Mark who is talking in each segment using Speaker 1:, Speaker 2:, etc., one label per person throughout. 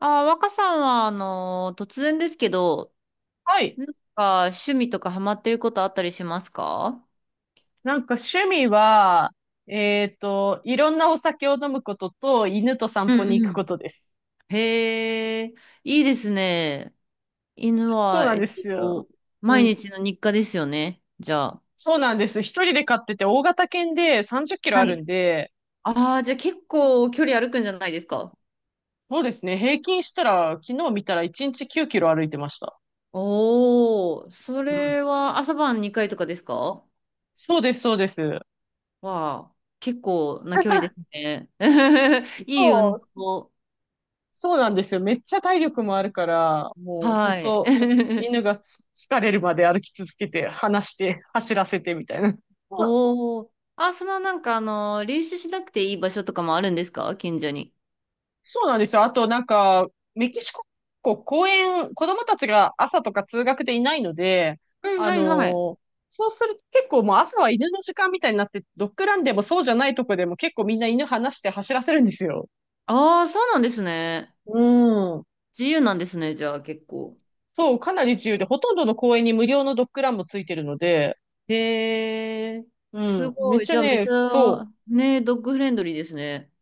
Speaker 1: 若さんは、突然ですけど、
Speaker 2: はい。
Speaker 1: なん趣味とかハマってることあったりしますか？
Speaker 2: なんか趣味は、いろんなお酒を飲むことと、犬と散
Speaker 1: う
Speaker 2: 歩に
Speaker 1: ん
Speaker 2: 行く
Speaker 1: う
Speaker 2: こ
Speaker 1: ん。
Speaker 2: とです。
Speaker 1: へえ、いいですね。犬
Speaker 2: そう
Speaker 1: は、
Speaker 2: なんですよ。
Speaker 1: と、
Speaker 2: う
Speaker 1: 毎
Speaker 2: ん。
Speaker 1: 日の日課ですよね、じゃあ。
Speaker 2: そうなんです。一人で飼ってて、大型犬で30キロあ
Speaker 1: は
Speaker 2: るん
Speaker 1: い。
Speaker 2: で、
Speaker 1: ああ、じゃあ結構距離歩くんじゃないですか？
Speaker 2: そうですね。平均したら、昨日見たら1日9キロ歩いてました。
Speaker 1: おー、そ
Speaker 2: うん。
Speaker 1: れは朝晩2回とかですか？
Speaker 2: そうです、そうです。
Speaker 1: わあ、結構な距離です ね。いい運
Speaker 2: そう、
Speaker 1: 動。
Speaker 2: そうなんですよ。めっちゃ体力もあるから、もう本
Speaker 1: はい。
Speaker 2: 当 犬が疲れるまで歩き続けて、離して、走らせてみたいな。
Speaker 1: おお。練習しなくていい場所とかもあるんですか、近所に。
Speaker 2: そうなんですよ。あと、なんか、メキシコ、こう公園、子供たちが朝とか通学でいないので、
Speaker 1: うん、
Speaker 2: あ
Speaker 1: は
Speaker 2: の
Speaker 1: いはい。
Speaker 2: ーそうすると結構もう朝は犬の時間みたいになって、ドッグランでもそうじゃないとこでも結構みんな犬離して走らせるんですよ。
Speaker 1: ああ、そうなんですね。
Speaker 2: うん。
Speaker 1: 自由なんですね、じゃあ結構。
Speaker 2: そう、かなり自由で、ほとんどの公園に無料のドッグランもついてるので、
Speaker 1: へえ、
Speaker 2: う
Speaker 1: す
Speaker 2: ん。めっ
Speaker 1: ごい。
Speaker 2: ちゃ
Speaker 1: じゃあめっ
Speaker 2: ね、
Speaker 1: ちゃ、
Speaker 2: そう。
Speaker 1: ね、ドッグフレンドリーですね。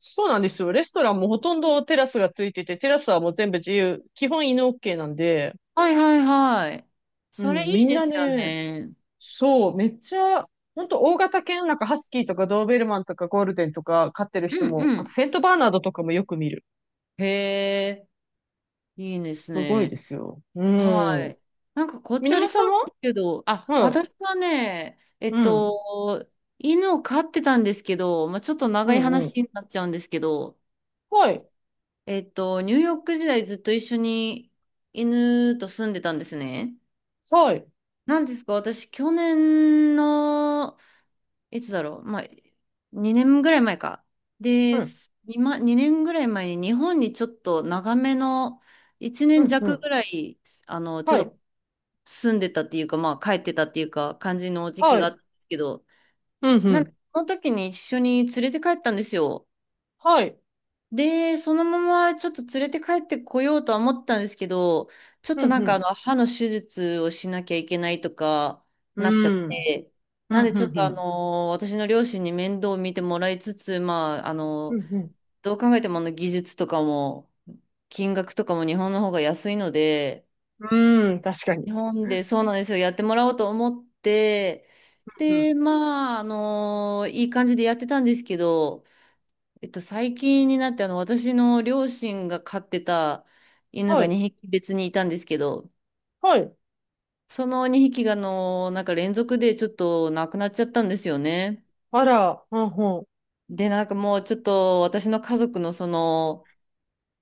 Speaker 2: そうなんですよ。レストランもほとんどテラスがついてて、テラスはもう全部自由。基本犬 OK なんで、
Speaker 1: はいはいはい。
Speaker 2: う
Speaker 1: そ
Speaker 2: ん、
Speaker 1: れい
Speaker 2: み
Speaker 1: い
Speaker 2: ん
Speaker 1: で
Speaker 2: な
Speaker 1: すよ
Speaker 2: ね、
Speaker 1: ね。
Speaker 2: そう、めっちゃ、ほんと大型犬、なんかハスキーとかドーベルマンとかゴールデンとか飼ってる
Speaker 1: う
Speaker 2: 人
Speaker 1: ん
Speaker 2: も、
Speaker 1: う
Speaker 2: あと
Speaker 1: ん。
Speaker 2: セントバーナードとかもよく見る。
Speaker 1: へえ、いいです
Speaker 2: すごい
Speaker 1: ね。
Speaker 2: ですよ。う
Speaker 1: は
Speaker 2: ん。
Speaker 1: い。こっ
Speaker 2: み
Speaker 1: ち
Speaker 2: のり
Speaker 1: も
Speaker 2: さん
Speaker 1: そう
Speaker 2: は、
Speaker 1: ですけど、あ、
Speaker 2: はい。
Speaker 1: 私はね、
Speaker 2: うん。
Speaker 1: 犬を飼ってたんですけど、まあ、ちょっと
Speaker 2: う
Speaker 1: 長い
Speaker 2: ん、うん。
Speaker 1: 話になっちゃうんですけど、
Speaker 2: はい。
Speaker 1: ニューヨーク時代ずっと一緒に犬と住んでたんですね。
Speaker 2: はい。
Speaker 1: なんですか、私、去年の、いつだろう、まあ、2年ぐらい前か。
Speaker 2: う
Speaker 1: で、
Speaker 2: ん。
Speaker 1: 今、2年ぐらい前に日本にちょっと長めの、1
Speaker 2: う
Speaker 1: 年
Speaker 2: ん、う
Speaker 1: 弱
Speaker 2: ん。
Speaker 1: ぐらい、あの、ち
Speaker 2: は
Speaker 1: ょっ
Speaker 2: い。
Speaker 1: と住んでたっていうか、まあ帰ってたっていうか、感じの時期
Speaker 2: は
Speaker 1: があった
Speaker 2: い。
Speaker 1: んですけど、
Speaker 2: うん、う
Speaker 1: なんで、
Speaker 2: ん。
Speaker 1: その時に一緒に連れて帰ったんですよ。
Speaker 2: はい。
Speaker 1: で、そのままちょっと連れて帰ってこようとは思ったんですけど、ちょっ
Speaker 2: う
Speaker 1: と
Speaker 2: ん、
Speaker 1: な
Speaker 2: う
Speaker 1: んかあの、
Speaker 2: ん。
Speaker 1: 歯の手術をしなきゃいけないとか、
Speaker 2: う
Speaker 1: なっちゃっ
Speaker 2: ん。
Speaker 1: て、
Speaker 2: う
Speaker 1: なん
Speaker 2: ん、
Speaker 1: でちょ
Speaker 2: う
Speaker 1: っ
Speaker 2: ん、う
Speaker 1: とあ
Speaker 2: ん。
Speaker 1: の、私の両親に面倒を見てもらいつつ、
Speaker 2: うん、う
Speaker 1: どう考えても技術とかも、金額とかも日本の方が安いので、
Speaker 2: ん。うん、確かに。
Speaker 1: 日本でそうなんですよ。やってもらおうと思って、
Speaker 2: うん。
Speaker 1: で、まあ、いい感じでやってたんですけど、最近になって、私の両親が飼ってた犬
Speaker 2: は
Speaker 1: が
Speaker 2: い。
Speaker 1: 2匹別にいたんですけど、
Speaker 2: はい。
Speaker 1: その2匹が、連続でちょっと亡くなっちゃったんですよね。
Speaker 2: あら、うん、う
Speaker 1: で、なんかもうちょっと私の家族のその、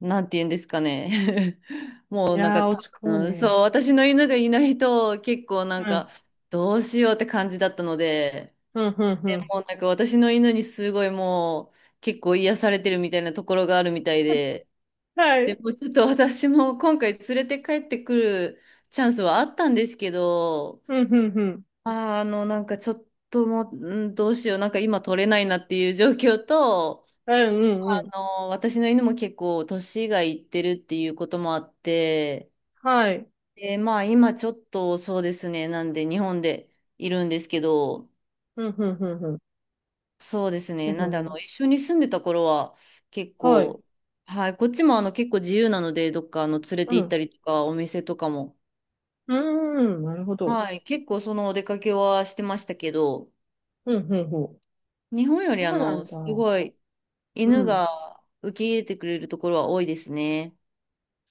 Speaker 1: なんて言うんですかね。
Speaker 2: ん。
Speaker 1: もう
Speaker 2: いやー、
Speaker 1: 多
Speaker 2: 落ち込む
Speaker 1: 分、
Speaker 2: ね。
Speaker 1: そう、私の犬がいないと結構
Speaker 2: うん。
Speaker 1: どうしようって感じだったので、
Speaker 2: うん、うん、う
Speaker 1: で
Speaker 2: ん。
Speaker 1: もう私の犬にすごいもう結構癒されてるみたいなところがあるみたいで、
Speaker 2: は
Speaker 1: で
Speaker 2: い。
Speaker 1: もうちょっと私も今回連れて帰ってくるチャンスはあったんですけど、
Speaker 2: うん、うん、うん。
Speaker 1: あー、あのなんかちょっともう、うん、どうしよう、今取れないなっていう状況と、
Speaker 2: うん、うん、うん。
Speaker 1: 私の犬も結構年がいってるっていうこともあって、
Speaker 2: はい。
Speaker 1: で、まあ今ちょっとそうですね、なんで日本でいるんですけど、
Speaker 2: うん、うん、うん、うん。
Speaker 1: そうですね、
Speaker 2: で
Speaker 1: なんであの、
Speaker 2: も、
Speaker 1: 一緒に住んでた頃は結
Speaker 2: はい。
Speaker 1: 構、はい、こっちも結構自由なので、どっか連れ
Speaker 2: う
Speaker 1: て行った
Speaker 2: ん。
Speaker 1: りとか、お店とかも、
Speaker 2: うーん、なるほど。
Speaker 1: はい、結構そのお出かけはしてましたけど、
Speaker 2: うん、うん、うん。
Speaker 1: 日本より
Speaker 2: そうなん
Speaker 1: す
Speaker 2: だ。
Speaker 1: ごい
Speaker 2: う
Speaker 1: 犬
Speaker 2: ん。
Speaker 1: が受け入れてくれるところは多いですね。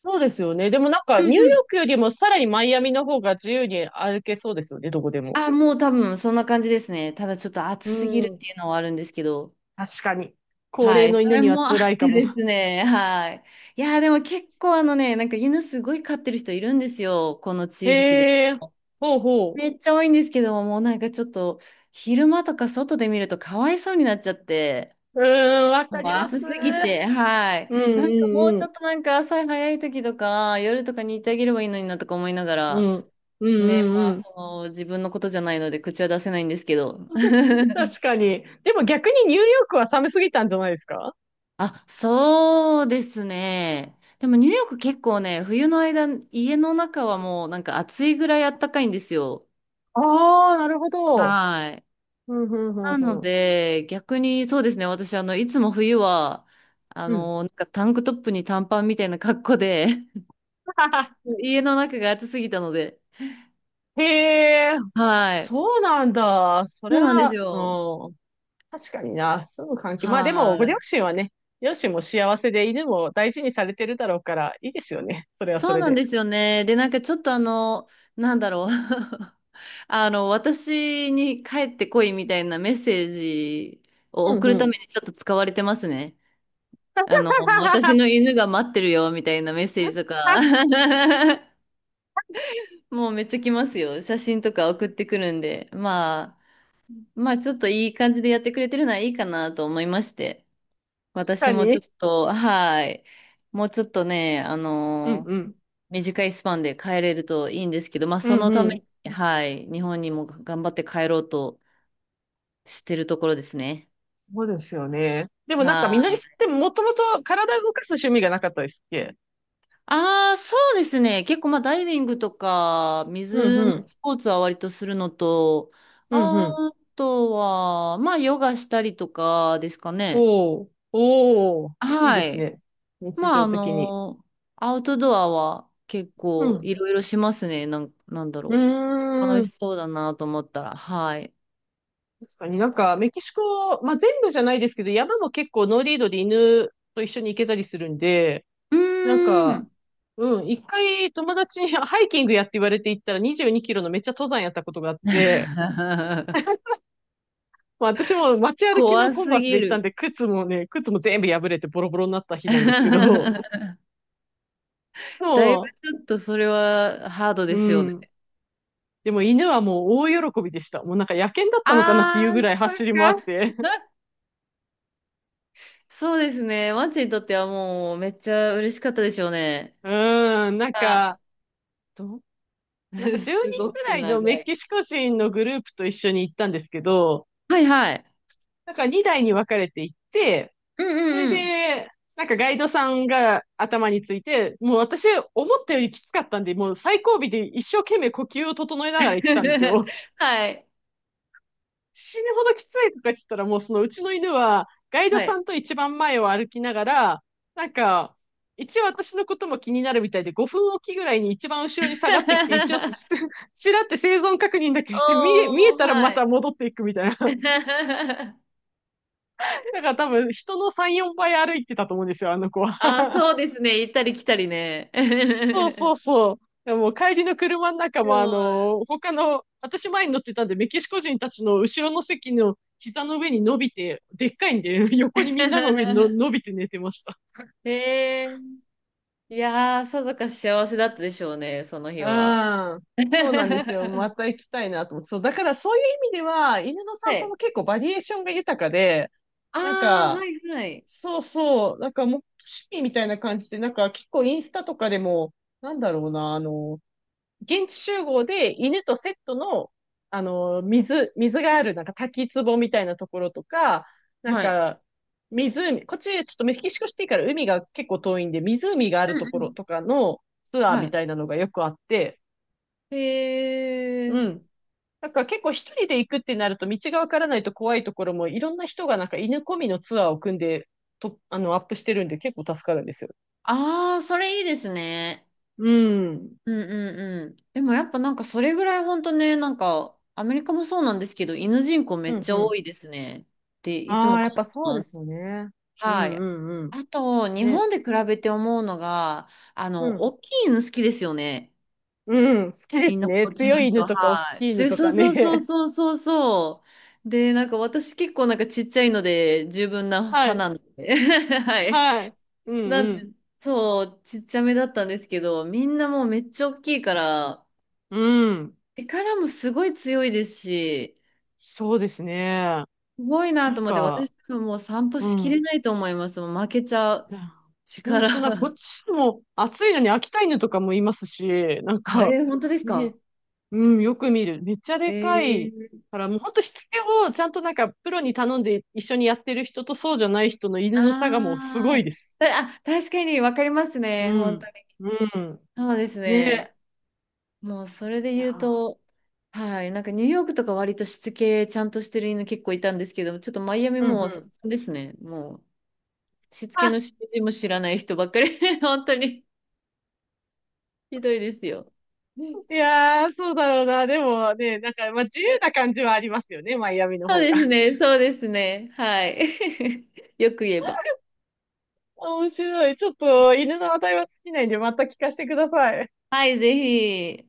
Speaker 2: そうですよね。でもなんか、
Speaker 1: う
Speaker 2: ニュー
Speaker 1: ん
Speaker 2: ヨー
Speaker 1: うん。
Speaker 2: クよりもさらにマイアミの方が自由に歩けそうですよね、どこでも。
Speaker 1: あ、もう多分そんな感じですね。ただちょっと暑
Speaker 2: う
Speaker 1: すぎるっ
Speaker 2: ん。
Speaker 1: ていうのはあるんですけど。
Speaker 2: 確かに。高
Speaker 1: は
Speaker 2: 齢
Speaker 1: い。
Speaker 2: の
Speaker 1: そ
Speaker 2: 犬
Speaker 1: れ
Speaker 2: には
Speaker 1: もあ
Speaker 2: 辛い
Speaker 1: っ
Speaker 2: か
Speaker 1: て
Speaker 2: も。
Speaker 1: ですね。はい。いやー、でも結構犬すごい飼ってる人いるんですよ、この地域で。
Speaker 2: へえ、ほうほ
Speaker 1: めっちゃ多いんですけども、もうなんかちょっと昼間とか外で見るとかわいそうになっちゃって。
Speaker 2: う。うーん、わか
Speaker 1: もう
Speaker 2: ります。
Speaker 1: 暑すぎて、はい。
Speaker 2: うん、う
Speaker 1: なんかもう
Speaker 2: ん、う
Speaker 1: ちょ
Speaker 2: ん。
Speaker 1: っとなんか朝早い時とか夜とかに行ってあげればいいのになとか思いなが
Speaker 2: う
Speaker 1: ら、
Speaker 2: ん、う
Speaker 1: ね、
Speaker 2: ん、
Speaker 1: まあ
Speaker 2: うん、
Speaker 1: その自分のことじゃないので口は出せないんですけど。
Speaker 2: 確かに。でも逆にニューヨークは寒すぎたんじゃないですか？
Speaker 1: あ、そうですね。でもニューヨーク結構ね、冬の間、家の中はもう暑いぐらい暖かいんですよ。
Speaker 2: ああー、なるほど。
Speaker 1: はい。
Speaker 2: うん、うん、う
Speaker 1: な
Speaker 2: ん、
Speaker 1: の
Speaker 2: うん。
Speaker 1: で、逆にそうですね、私、いつも冬は、
Speaker 2: うん。
Speaker 1: タンクトップに短パンみたいな格好で 家の中が暑すぎたので、
Speaker 2: へえ、
Speaker 1: はい。
Speaker 2: そうなんだ。そ
Speaker 1: そ
Speaker 2: れ
Speaker 1: うなんです
Speaker 2: は、
Speaker 1: よ。
Speaker 2: うん。確かにな。住む環境。まあでも、ご
Speaker 1: は
Speaker 2: 両
Speaker 1: い。
Speaker 2: 親はね、両親も幸せで犬も大事にされてるだろうから、いいですよね。それはそ
Speaker 1: そう
Speaker 2: れ
Speaker 1: なん
Speaker 2: で。
Speaker 1: ですよね。で、なんかちょっとあの、なんだろう。私に帰ってこいみたいなメッセージを
Speaker 2: うん、
Speaker 1: 送
Speaker 2: う
Speaker 1: るた
Speaker 2: ん。
Speaker 1: めにちょっと使われてますね。私 の犬が待ってるよみたいなメッセージとか。
Speaker 2: 確
Speaker 1: もうめっちゃ来ますよ。写真とか送ってくるんで。まあ、まあちょっといい感じでやってくれてるのはいいかなと思いまして。私
Speaker 2: か
Speaker 1: もちょ
Speaker 2: に。
Speaker 1: っと、はい。もうちょっとね、
Speaker 2: うん、うん。
Speaker 1: 短いスパンで帰れるといいんですけど、まあ、
Speaker 2: う
Speaker 1: そ
Speaker 2: ん、
Speaker 1: の
Speaker 2: う
Speaker 1: ため
Speaker 2: ん。
Speaker 1: に、はい。日本にも頑張って帰ろうとしてるところですね。
Speaker 2: そうですよね。でもなんか
Speaker 1: は
Speaker 2: みのりさんっ
Speaker 1: い。
Speaker 2: てもともと体動かす趣味がなかったですっけ？
Speaker 1: ああ、そうですね。結構、まあ、ダイビングとか、
Speaker 2: うん
Speaker 1: 水
Speaker 2: う
Speaker 1: の
Speaker 2: ん。
Speaker 1: スポーツは割とするのと、
Speaker 2: うんう
Speaker 1: あ
Speaker 2: ん。
Speaker 1: とは、まあ、ヨガしたりとかですかね。
Speaker 2: おー、おー、いいで
Speaker 1: は
Speaker 2: す
Speaker 1: い。
Speaker 2: ね。日
Speaker 1: まあ、
Speaker 2: 常
Speaker 1: あ
Speaker 2: 的に。
Speaker 1: の、アウトドアは結
Speaker 2: う
Speaker 1: 構
Speaker 2: ん。
Speaker 1: いろいろしますね。なんだ
Speaker 2: う
Speaker 1: ろう。
Speaker 2: ー
Speaker 1: 楽
Speaker 2: ん。
Speaker 1: しそうだなと思ったら、はい。
Speaker 2: 確かになんかメキシコ、まあ、全部じゃないですけど、山も結構ノーリードで犬と一緒に行けたりするんで、
Speaker 1: う
Speaker 2: なん
Speaker 1: ー
Speaker 2: か、
Speaker 1: ん。
Speaker 2: うん、一回友達にハイキングやって言われて行ったら22キロのめっちゃ登山やったことがあって、まあ、私も街歩きの
Speaker 1: 怖
Speaker 2: コン
Speaker 1: す
Speaker 2: バースで
Speaker 1: ぎ
Speaker 2: 行ったん
Speaker 1: る。
Speaker 2: で、靴も全部破れてボロボロになった日なんですけど、
Speaker 1: だいぶ
Speaker 2: も
Speaker 1: ちょっとそれはハードで
Speaker 2: う、
Speaker 1: す
Speaker 2: う
Speaker 1: よね。
Speaker 2: ん。でも犬はもう大喜びでした。もうなんか野犬だったのかなっていう
Speaker 1: あ
Speaker 2: ぐ
Speaker 1: ー、
Speaker 2: らい
Speaker 1: そっ
Speaker 2: 走り回っ
Speaker 1: か。
Speaker 2: て。
Speaker 1: そうですね。マッチにとってはもうめっちゃ嬉しかったでしょうね。
Speaker 2: うん、
Speaker 1: あ、
Speaker 2: ど、なんか 10
Speaker 1: す
Speaker 2: 人
Speaker 1: ご
Speaker 2: ぐ
Speaker 1: く
Speaker 2: らいの
Speaker 1: 長
Speaker 2: メ
Speaker 1: い。
Speaker 2: キシコ人のグループと一緒に行ったんですけど、
Speaker 1: はいはい。
Speaker 2: なんか2台に分かれて行って、
Speaker 1: うん
Speaker 2: それ
Speaker 1: うんうん。
Speaker 2: で、なんかガイドさんが頭について、もう私思ったよりきつかったんで、もう最後尾で一生懸命呼吸を整えながら行ってたんです よ。
Speaker 1: はい。
Speaker 2: 死ぬほどきついとか言ってたら、もうそのうちの犬は、ガイド
Speaker 1: は
Speaker 2: さ
Speaker 1: い。
Speaker 2: んと一番前を歩きながら、なんか、一応私のことも気になるみたいで、5分おきぐらいに一番後ろに下がってきて、一応ちらって生存確認だけして、見え、見え
Speaker 1: おー、
Speaker 2: たらま
Speaker 1: は
Speaker 2: た
Speaker 1: い。
Speaker 2: 戻っていくみたいな。だから多分、人の3、4倍歩いてたと思うんですよ、あの子は。
Speaker 1: あー、そうですね。行ったり来たりね。
Speaker 2: そうそう そう。でも帰りの車の中
Speaker 1: そ
Speaker 2: も、あ
Speaker 1: う。
Speaker 2: のー他の、私前に乗ってたんで、メキシコ人たちの後ろの席の膝の上に伸びて、でっかいんで、横にみんなの上にの 伸びて寝てました。
Speaker 1: へえ。いやー、さぞかし幸せだったでしょうね、その日は。
Speaker 2: うん。そうなんですよ。ま
Speaker 1: は
Speaker 2: た行きたいなと思って。そう、だからそういう意味では、犬の散歩
Speaker 1: い。
Speaker 2: も結構バリエーションが豊かで、
Speaker 1: あ
Speaker 2: なん
Speaker 1: あ、は
Speaker 2: か、
Speaker 1: いはい。
Speaker 2: そうそう、なんかもう趣味みたいな感じで、なんか結構インスタとかでも、なんだろうな、現地集合で犬とセットの、水がある、なんか滝壺みたいなところとか、なん
Speaker 1: はい。
Speaker 2: か、湖、こっちちょっとメキシコシティから海が結構遠いんで、湖がある
Speaker 1: うん
Speaker 2: とこ
Speaker 1: う
Speaker 2: ろ
Speaker 1: ん。
Speaker 2: とかのツアー
Speaker 1: は
Speaker 2: み
Speaker 1: い。
Speaker 2: たいなのがよくあって、
Speaker 1: へえ。
Speaker 2: うん。なんか結構一人で行くってなると道がわからないと怖いところもいろんな人がなんか犬込みのツアーを組んでと、アップしてるんで結構助かるんですよ。
Speaker 1: ああ、それいいですね。
Speaker 2: うん。
Speaker 1: うんうんうん。でもやっぱそれぐらい本当ね、アメリカもそうなんですけど、犬人口め
Speaker 2: う
Speaker 1: っ
Speaker 2: ん
Speaker 1: ち
Speaker 2: う
Speaker 1: ゃ多
Speaker 2: ん。
Speaker 1: いですねっていつ
Speaker 2: あ
Speaker 1: も
Speaker 2: あ、やっ
Speaker 1: 感
Speaker 2: ぱ
Speaker 1: じ
Speaker 2: そうで
Speaker 1: ます。
Speaker 2: すよね。う
Speaker 1: は
Speaker 2: んう
Speaker 1: い。
Speaker 2: んうん。
Speaker 1: あと、日
Speaker 2: ね。
Speaker 1: 本で比べて思うのが、
Speaker 2: うん。
Speaker 1: 大きい犬好きですよね、
Speaker 2: うん、好きで
Speaker 1: みん
Speaker 2: す
Speaker 1: な
Speaker 2: ね。
Speaker 1: こっち
Speaker 2: 強
Speaker 1: の
Speaker 2: い犬
Speaker 1: 人、
Speaker 2: とか大
Speaker 1: はい。
Speaker 2: きい犬
Speaker 1: そう
Speaker 2: と
Speaker 1: そ
Speaker 2: か
Speaker 1: うそうそう
Speaker 2: ね。
Speaker 1: そうそうそう。で、私結構ちっちゃいので十分な
Speaker 2: は
Speaker 1: 派
Speaker 2: い。
Speaker 1: なんで。はい。
Speaker 2: はい。うん
Speaker 1: な
Speaker 2: う
Speaker 1: ん
Speaker 2: ん。
Speaker 1: で、そう、ちっちゃめだったんですけど、みんなもうめっちゃ大きいから、
Speaker 2: うん。
Speaker 1: 力もすごい強いですし、
Speaker 2: そうですね。
Speaker 1: すごいな
Speaker 2: な
Speaker 1: と
Speaker 2: ん
Speaker 1: 思って、私
Speaker 2: か、
Speaker 1: 多分もう散歩
Speaker 2: う
Speaker 1: しきれ
Speaker 2: ん。
Speaker 1: ないと思います。もう負けちゃう。
Speaker 2: 本
Speaker 1: 力。
Speaker 2: 当だ、こっ ちも暑いのに秋田犬とかもいますし、なん
Speaker 1: あ
Speaker 2: か、
Speaker 1: れ、え本当です
Speaker 2: ね、
Speaker 1: か？
Speaker 2: うん、よく見る。めっちゃ
Speaker 1: え
Speaker 2: でかい。
Speaker 1: ー、
Speaker 2: から、もう本当しつけをちゃんとなんかプロに頼んで一緒にやってる人とそうじゃない人の犬の差がもうすごい
Speaker 1: あー
Speaker 2: です。
Speaker 1: たあ、確かに分かります
Speaker 2: う
Speaker 1: ね、本当
Speaker 2: ん。
Speaker 1: に。
Speaker 2: うん。
Speaker 1: そうですね。
Speaker 2: ね。
Speaker 1: もうそれで
Speaker 2: いや
Speaker 1: 言うと、はい、ニューヨークとか割としつけちゃんとしてる犬結構いたんですけど、ちょっとマイアミ
Speaker 2: ー、うんう
Speaker 1: もう散
Speaker 2: ん。
Speaker 1: 々ですね。もうしつけの指
Speaker 2: あ
Speaker 1: 示も知らない人ばっかり。本当にひどいですよ。
Speaker 2: いやー、そうだろうな。でもね、なんか、まあ、自由な感じはありますよね、マイアミの
Speaker 1: そ
Speaker 2: 方
Speaker 1: う
Speaker 2: が。
Speaker 1: です ね、そうですね。はい。よく言えば。
Speaker 2: 面白い。ちょっと、犬の値は尽きないんで、また聞かせてください。
Speaker 1: はい、ぜひ。